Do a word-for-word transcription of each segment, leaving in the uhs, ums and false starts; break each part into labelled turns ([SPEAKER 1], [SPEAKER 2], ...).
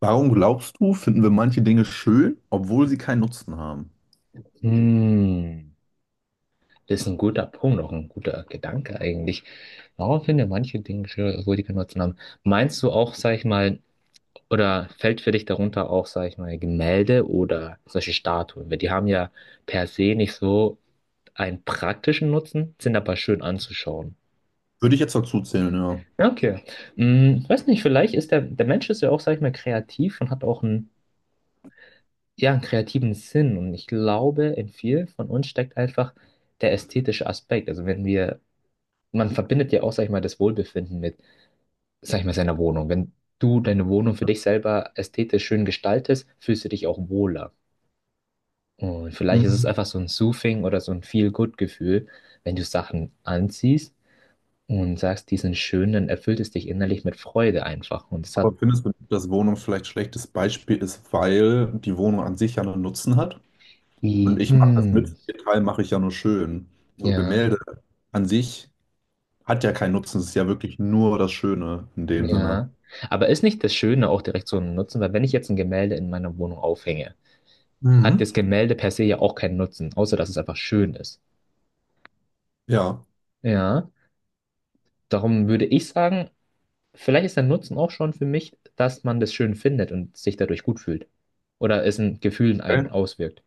[SPEAKER 1] Warum glaubst du, finden wir manche Dinge schön, obwohl sie keinen Nutzen haben?
[SPEAKER 2] Hm, Das ist ein guter Punkt, auch ein guter Gedanke eigentlich. Warum finden wir manche Dinge schwer, obwohl die keinen Nutzen haben? Meinst du auch, sag ich mal, oder fällt für dich darunter auch, sag ich mal, Gemälde oder solche Statuen? Weil die haben ja per se nicht so einen praktischen Nutzen, sind aber schön anzuschauen.
[SPEAKER 1] Würde ich jetzt dazu zählen, ja.
[SPEAKER 2] Okay. Hm, weiß nicht, vielleicht ist der, der Mensch ist ja auch, sag ich mal, kreativ und hat auch einen, ja, einen kreativen Sinn. Und ich glaube, in vielen von uns steckt einfach der ästhetische Aspekt. Also wenn wir man verbindet ja auch, sag ich mal, das Wohlbefinden mit, sag ich mal, seiner Wohnung. Wenn du deine Wohnung für dich selber ästhetisch schön gestaltest, fühlst du dich auch wohler. Und vielleicht ist es
[SPEAKER 1] Mhm.
[SPEAKER 2] einfach so ein Soothing oder so ein Feel-Good-Gefühl, wenn du Sachen anziehst und sagst, die sind schön, dann erfüllt es dich innerlich mit Freude einfach. Und es
[SPEAKER 1] Aber
[SPEAKER 2] hat
[SPEAKER 1] findest du, dass Wohnung vielleicht ein schlechtes Beispiel ist, weil die Wohnung an sich ja einen Nutzen hat?
[SPEAKER 2] wie,
[SPEAKER 1] Und ich mache das mit,
[SPEAKER 2] hm,
[SPEAKER 1] den Teil mache ich ja nur schön. So
[SPEAKER 2] ja,
[SPEAKER 1] Gemälde an sich hat ja keinen Nutzen, es ist ja wirklich nur das Schöne in dem Sinne.
[SPEAKER 2] ja. Aber ist nicht das Schöne auch direkt so ein Nutzen? Weil wenn ich jetzt ein Gemälde in meiner Wohnung aufhänge, hat
[SPEAKER 1] Mhm.
[SPEAKER 2] das Gemälde per se ja auch keinen Nutzen, außer dass es einfach schön ist.
[SPEAKER 1] Ja.
[SPEAKER 2] Ja. Darum würde ich sagen, vielleicht ist der Nutzen auch schon für mich, dass man das schön findet und sich dadurch gut fühlt. Oder es in Gefühlen einen
[SPEAKER 1] Okay.
[SPEAKER 2] auswirkt.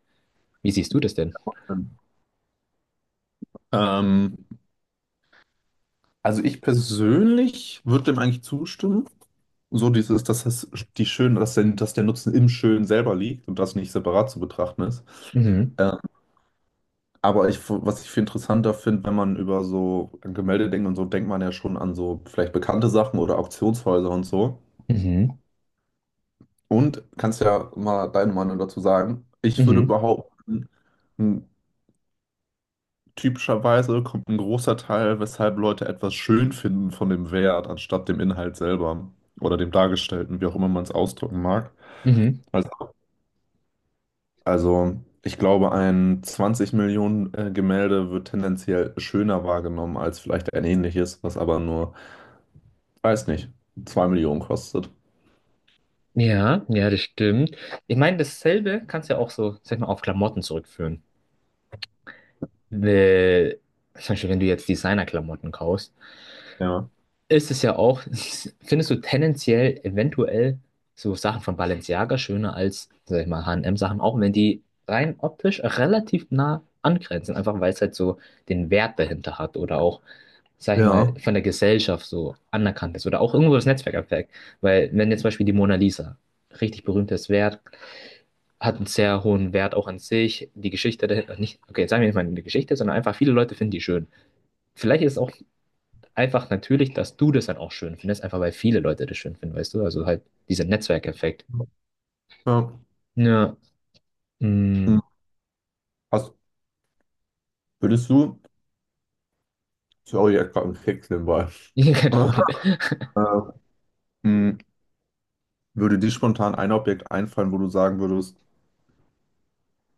[SPEAKER 2] Wie siehst du das denn?
[SPEAKER 1] Ähm, also ich persönlich würde dem eigentlich zustimmen, so dieses, dass das die schön, dass der, dass der Nutzen im Schön selber liegt und das nicht separat zu betrachten ist.
[SPEAKER 2] Mhm.
[SPEAKER 1] Ähm, aber ich, was ich viel interessanter finde, wenn man über so Gemälde denkt und so, denkt man ja schon an so vielleicht bekannte Sachen oder Auktionshäuser und so.
[SPEAKER 2] Mhm.
[SPEAKER 1] Und kannst ja mal deine Meinung dazu sagen. Ich würde
[SPEAKER 2] Mhm.
[SPEAKER 1] behaupten, m, typischerweise kommt ein großer Teil, weshalb Leute etwas schön finden, von dem Wert, anstatt dem Inhalt selber oder dem Dargestellten, wie auch immer man es ausdrücken mag.
[SPEAKER 2] Mhm.
[SPEAKER 1] Also Also, ich glaube, ein zwanzig Millionen äh, Gemälde wird tendenziell schöner wahrgenommen als vielleicht ein ähnliches, was aber nur, weiß nicht, zwei Millionen kostet.
[SPEAKER 2] Ja, ja, das stimmt. Ich meine, dasselbe kannst du ja auch so, sag ich mal, auf Klamotten zurückführen. Weil, zum Beispiel, wenn du jetzt Designer-Klamotten kaufst,
[SPEAKER 1] Ja.
[SPEAKER 2] ist es ja auch, findest du tendenziell eventuell so Sachen von Balenciaga schöner als, sag ich mal, H und M-Sachen, auch wenn die rein optisch relativ nah angrenzen, einfach weil es halt so den Wert dahinter hat oder auch, sag ich mal,
[SPEAKER 1] Ja.
[SPEAKER 2] von der Gesellschaft so anerkannt ist oder auch irgendwo das Netzwerkeffekt. Weil wenn jetzt zum Beispiel die Mona Lisa, richtig berühmtes Wert, hat einen sehr hohen Wert auch an sich, die Geschichte dahinter, nicht, okay, jetzt sagen wir nicht mal die Geschichte, sondern einfach viele Leute finden die schön. Vielleicht ist es auch einfach natürlich, dass du das dann auch schön findest, einfach weil viele Leute das schön finden, weißt du? Also halt dieser Netzwerkeffekt.
[SPEAKER 1] Ja.
[SPEAKER 2] Ja,
[SPEAKER 1] Hm.
[SPEAKER 2] mm,
[SPEAKER 1] Hast, würdest du, sorry, ich hab grad einen Keks nebenbei.
[SPEAKER 2] kein Problem.
[SPEAKER 1] Äh, hm, Würde dir spontan ein Objekt einfallen, wo du sagen würdest,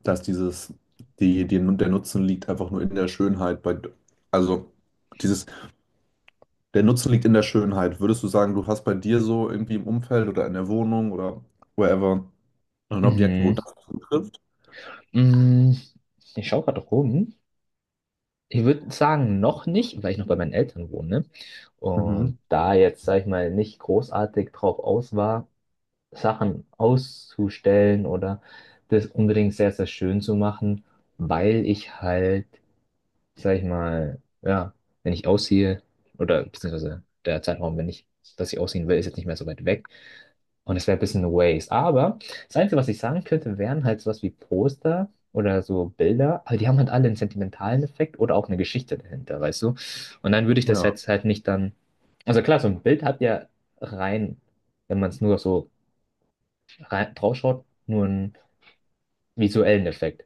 [SPEAKER 1] dass dieses, die, die, der Nutzen liegt einfach nur in der Schönheit bei, also dieses Der Nutzen liegt in der Schönheit. Würdest du sagen, du hast bei dir so irgendwie im Umfeld oder in der Wohnung oder wherever ein Objekt, wo
[SPEAKER 2] Mhm.
[SPEAKER 1] das zutrifft?
[SPEAKER 2] Mm, Ich schaue gerade rum. Ich würde sagen, noch nicht, weil ich noch bei meinen Eltern wohne, ne? Und
[SPEAKER 1] Mhm.
[SPEAKER 2] da jetzt, sag ich mal, nicht großartig drauf aus war, Sachen auszustellen oder das unbedingt sehr, sehr schön zu machen, weil ich halt sag ich mal, ja, wenn ich ausziehe, oder beziehungsweise der Zeitraum, wenn ich, dass ich ausziehen will, ist jetzt nicht mehr so weit weg. Und es wäre ein bisschen eine Waste. Aber das Einzige, was ich sagen könnte, wären halt sowas wie Poster oder so Bilder, aber die haben halt alle einen sentimentalen Effekt oder auch eine Geschichte dahinter, weißt du? Und dann würde ich das
[SPEAKER 1] Ja. Auf
[SPEAKER 2] jetzt halt nicht dann. Also klar, so ein Bild hat ja rein, wenn man es nur so rein, draufschaut, nur einen visuellen Effekt.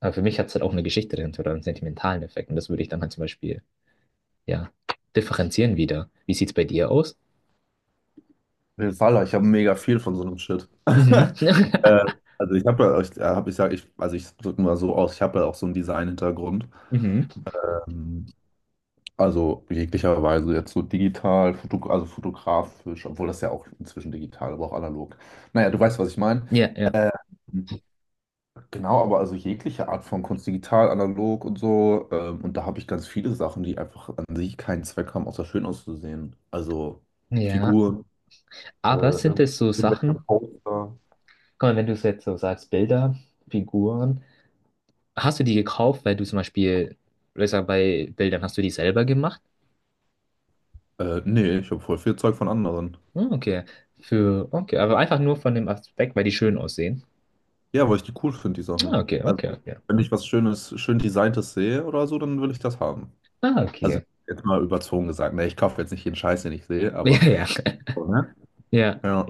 [SPEAKER 2] Aber für mich hat es halt auch eine Geschichte dahinter oder einen sentimentalen Effekt. Und das würde ich dann halt zum Beispiel ja, differenzieren wieder. Wie sieht's bei dir aus?
[SPEAKER 1] jeden Fall, ich habe mega viel von so einem Shit.
[SPEAKER 2] Mhm.
[SPEAKER 1] Äh, also ich habe ja, ich, äh, hab, ich sag, ich, also ich drücke mal so aus, ich habe ja auch so einen Design-Hintergrund.
[SPEAKER 2] Mhm.
[SPEAKER 1] Ähm, also jeglicher Weise jetzt so digital, Foto, also fotografisch, obwohl das ja auch inzwischen digital, aber auch analog. Naja, du weißt, was ich meine.
[SPEAKER 2] Ja, ja,
[SPEAKER 1] Äh, Genau, aber also jegliche Art von Kunst, digital, analog und so. Ähm, und da habe ich ganz viele Sachen, die einfach an sich keinen Zweck haben, außer schön auszusehen. Also
[SPEAKER 2] ja.
[SPEAKER 1] Figuren, äh,
[SPEAKER 2] Aber sind es so
[SPEAKER 1] irgendwelche
[SPEAKER 2] Sachen,
[SPEAKER 1] Poster.
[SPEAKER 2] guck mal, wenn du es jetzt so sagst, Bilder, Figuren, hast du die gekauft, weil du zum Beispiel, ich sag, bei Bildern hast du die selber gemacht?
[SPEAKER 1] Äh, nee, ich habe voll viel Zeug von anderen.
[SPEAKER 2] Ah, okay. Für, okay, aber einfach nur von dem Aspekt, weil die schön aussehen.
[SPEAKER 1] Ja, weil ich die cool finde, die
[SPEAKER 2] Ah,
[SPEAKER 1] Sachen.
[SPEAKER 2] okay,
[SPEAKER 1] Also,
[SPEAKER 2] okay, okay.
[SPEAKER 1] wenn ich was Schönes, schön Designtes sehe oder so, dann will ich das haben.
[SPEAKER 2] Ah,
[SPEAKER 1] Also,
[SPEAKER 2] okay.
[SPEAKER 1] jetzt mal überzogen gesagt. Ne, ich kaufe jetzt nicht jeden Scheiß, den ich sehe, aber.
[SPEAKER 2] Ja, ja,
[SPEAKER 1] So, ne?
[SPEAKER 2] ja,
[SPEAKER 1] Ja.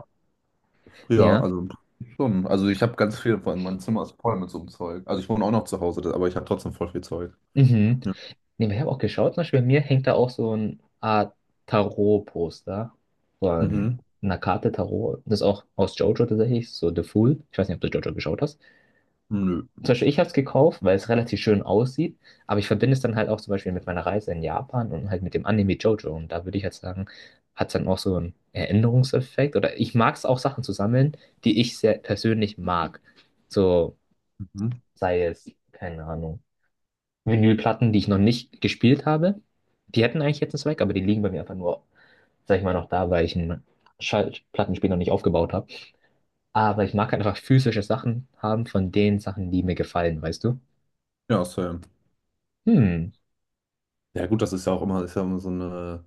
[SPEAKER 1] Ja,
[SPEAKER 2] ja.
[SPEAKER 1] also im Prinzip schon. Also ich habe ganz viel, vor allem mein Zimmer ist voll mit so einem Zeug. Also ich wohne auch noch zu Hause, das- aber ich habe trotzdem voll viel Zeug.
[SPEAKER 2] Mhm.
[SPEAKER 1] Ja.
[SPEAKER 2] Nee, ich habe auch geschaut, zum Beispiel bei mir hängt da auch so eine Art Tarot-Poster von
[SPEAKER 1] Mhm.
[SPEAKER 2] einer Karte Tarot. Das ist auch aus JoJo tatsächlich, so The Fool. Ich weiß nicht, ob du JoJo geschaut hast.
[SPEAKER 1] Nö.
[SPEAKER 2] Zum Beispiel, ich habe es gekauft, weil es relativ schön aussieht, aber ich verbinde es dann halt auch zum Beispiel mit meiner Reise in Japan und halt mit dem Anime JoJo. Und da würde ich halt sagen, hat es dann auch so einen Erinnerungseffekt. Oder ich mag es auch, Sachen zu sammeln, die ich sehr persönlich mag. So
[SPEAKER 1] Mhm.
[SPEAKER 2] sei es, keine Ahnung. Vinylplatten, die ich noch nicht gespielt habe. Die hätten eigentlich jetzt einen Zweck, aber die liegen bei mir einfach nur, sag ich mal, noch da, weil ich einen Schallplattenspieler noch nicht aufgebaut habe. Aber ich mag halt einfach physische Sachen haben von den Sachen, die mir gefallen, weißt du?
[SPEAKER 1] Ja, same.
[SPEAKER 2] Hm,
[SPEAKER 1] Ja gut, das ist ja auch immer, ist ja immer so eine,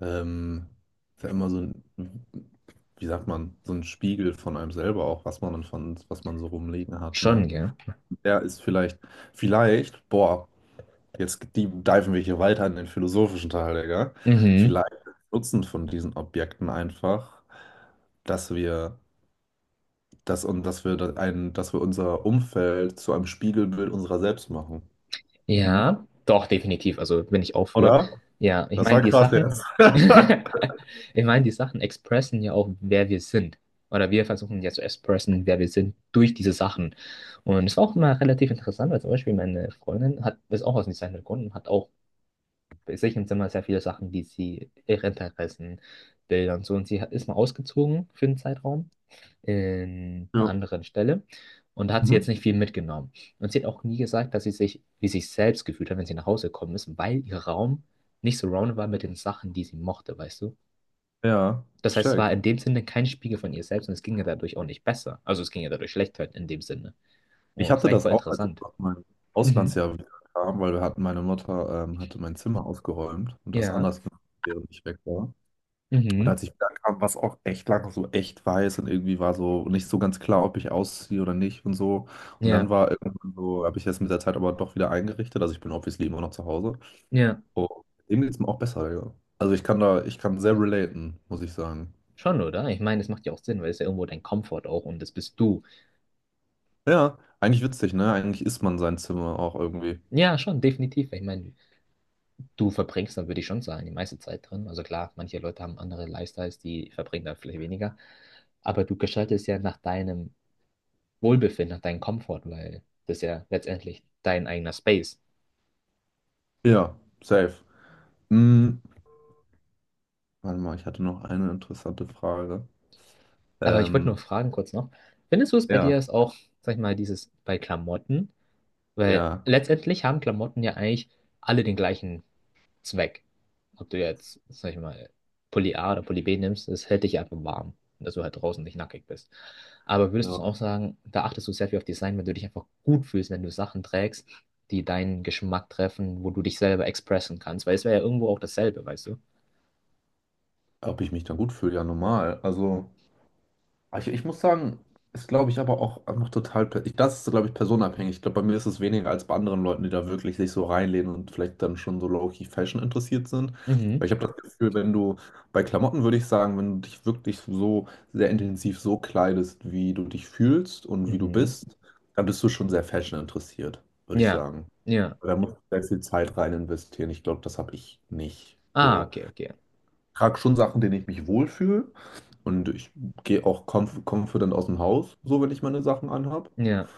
[SPEAKER 1] ähm, ist ja immer so ein, wie sagt man, so ein Spiegel von einem selber auch, was man dann von, was man so rumliegen hat,
[SPEAKER 2] Schon,
[SPEAKER 1] ne?
[SPEAKER 2] gell?
[SPEAKER 1] Der ist vielleicht, vielleicht, Boah, jetzt die diven wir hier weiter in den philosophischen Teil, Digga.
[SPEAKER 2] Mhm.
[SPEAKER 1] Vielleicht ist der Nutzen von diesen Objekten einfach, dass wir dass, und dass wir, da ein, dass wir unser Umfeld zu einem Spiegelbild unserer selbst machen. Mhm.
[SPEAKER 2] Ja, doch, definitiv. Also bin ich auch für.
[SPEAKER 1] Oder?
[SPEAKER 2] Ja, ich
[SPEAKER 1] Das
[SPEAKER 2] meine,
[SPEAKER 1] war
[SPEAKER 2] die
[SPEAKER 1] krass
[SPEAKER 2] Sachen,
[SPEAKER 1] jetzt.
[SPEAKER 2] ich meine, die Sachen expressen ja auch, wer wir sind. Oder wir versuchen ja zu expressen, wer wir sind, durch diese Sachen. Und es war auch immer relativ interessant, weil zum Beispiel meine Freundin hat, ist auch aus dem Design gekommen und hat auch bei sich im Zimmer sehr viele Sachen, die sie, ihre Interessen, Bilder und so. Und sie hat, ist mal ausgezogen für einen Zeitraum in einer
[SPEAKER 1] Ja.
[SPEAKER 2] anderen Stelle und da hat sie jetzt
[SPEAKER 1] Mhm.
[SPEAKER 2] nicht viel mitgenommen. Und sie hat auch nie gesagt, dass sie sich wie sich selbst gefühlt hat, wenn sie nach Hause gekommen ist, weil ihr Raum nicht surrounded war mit den Sachen, die sie mochte, weißt du?
[SPEAKER 1] Ja,
[SPEAKER 2] Das
[SPEAKER 1] ich
[SPEAKER 2] heißt, es war
[SPEAKER 1] check.
[SPEAKER 2] in dem Sinne kein Spiegel von ihr selbst und es ging ihr dadurch auch nicht besser. Also es ging ihr dadurch schlechter in dem Sinne. Oh,
[SPEAKER 1] Ich
[SPEAKER 2] das ist
[SPEAKER 1] hatte
[SPEAKER 2] eigentlich
[SPEAKER 1] das
[SPEAKER 2] voll
[SPEAKER 1] auch, als ich
[SPEAKER 2] interessant.
[SPEAKER 1] aus meinem
[SPEAKER 2] Mhm.
[SPEAKER 1] Auslandsjahr wieder kam, weil wir hatten, meine Mutter ähm, hatte mein Zimmer ausgeräumt und das
[SPEAKER 2] Ja.
[SPEAKER 1] anders gemacht, während ich weg war. Und
[SPEAKER 2] Mhm.
[SPEAKER 1] als ich wieder kam, war es auch echt lange so echt weiß und irgendwie war so nicht so ganz klar, ob ich ausziehe oder nicht und so. Und dann
[SPEAKER 2] Ja.
[SPEAKER 1] war irgendwann so, habe ich jetzt mit der Zeit aber doch wieder eingerichtet. Also ich bin obviously immer noch zu Hause.
[SPEAKER 2] Ja.
[SPEAKER 1] Oh, dem geht's mir auch besser, ja. Also ich kann da, ich kann sehr relaten, muss ich sagen.
[SPEAKER 2] Schon, oder? Ich meine, das macht ja auch Sinn, weil es ist ja irgendwo dein Komfort auch und das bist du.
[SPEAKER 1] Ja, eigentlich witzig, ne? Eigentlich isst man sein Zimmer auch irgendwie.
[SPEAKER 2] Ja, schon, definitiv. Ich meine, du verbringst dann, würde ich schon sagen, die meiste Zeit drin. Also klar, manche Leute haben andere Lifestyles, die verbringen dann vielleicht weniger. Aber du gestaltest ja nach deinem Wohlbefinden, nach deinem Komfort, weil das ist ja letztendlich dein eigener Space.
[SPEAKER 1] Ja, safe. Hm, warte mal, ich hatte noch eine interessante Frage.
[SPEAKER 2] Aber ich wollte nur
[SPEAKER 1] Ähm,
[SPEAKER 2] fragen kurz noch, findest du es bei dir
[SPEAKER 1] ja,
[SPEAKER 2] ist auch, sag ich mal, dieses bei Klamotten? Weil
[SPEAKER 1] ja,
[SPEAKER 2] letztendlich haben Klamotten ja eigentlich alle den gleichen Zweck. Ob du jetzt, sag ich mal, Pulli A oder Pulli B nimmst, das hält dich einfach warm, dass du halt draußen nicht nackig bist. Aber würdest du
[SPEAKER 1] ja.
[SPEAKER 2] auch sagen, da achtest du sehr viel auf Design, wenn du dich einfach gut fühlst, wenn du Sachen trägst, die deinen Geschmack treffen, wo du dich selber expressen kannst, weil es wäre ja irgendwo auch dasselbe, weißt du?
[SPEAKER 1] Ob ich mich dann gut fühle, ja normal. Also. Ich, ich muss sagen, ist glaube ich aber auch einfach total, per- ich- das ist glaube ich personenabhängig. Ich glaube, bei mir ist es weniger als bei anderen Leuten, die da wirklich sich so reinlehnen und vielleicht dann schon so low-key Fashion interessiert sind.
[SPEAKER 2] Mhm,
[SPEAKER 1] Weil ich habe das Gefühl, wenn du bei Klamotten, würde ich sagen, wenn du dich wirklich so sehr intensiv so kleidest, wie du dich fühlst und wie du
[SPEAKER 2] mhm.
[SPEAKER 1] bist, dann bist du schon sehr Fashion interessiert, würde ich
[SPEAKER 2] Ja,
[SPEAKER 1] sagen.
[SPEAKER 2] ja.
[SPEAKER 1] Da musst du sehr viel Zeit rein investieren. Ich glaube, das habe ich nicht
[SPEAKER 2] Ah,
[SPEAKER 1] so,
[SPEAKER 2] okay, okay.
[SPEAKER 1] trage schon Sachen, denen ich mich wohlfühle. Und ich gehe auch conf confident aus dem Haus, so wenn ich meine Sachen anhab.
[SPEAKER 2] Ja,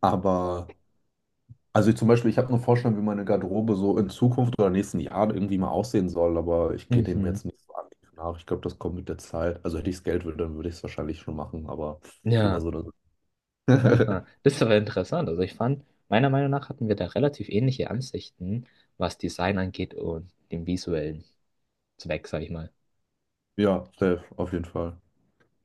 [SPEAKER 1] Aber, also ich zum Beispiel, ich habe eine Vorstellung, wie meine Garderobe so in Zukunft oder nächsten Jahren irgendwie mal aussehen soll, aber ich gehe dem
[SPEAKER 2] mhm.
[SPEAKER 1] jetzt nicht so aktiv nach. Ich glaube, das kommt mit der Zeit. Also hätte ich das Geld, würde, dann würde ich es wahrscheinlich schon machen, aber ist immer
[SPEAKER 2] Ja.
[SPEAKER 1] so eine.
[SPEAKER 2] Aha. Das ist aber interessant. Also ich fand, meiner Meinung nach hatten wir da relativ ähnliche Ansichten, was Design angeht und dem Visuellen. Zweck, sag ich mal.
[SPEAKER 1] Ja, safe, auf jeden Fall.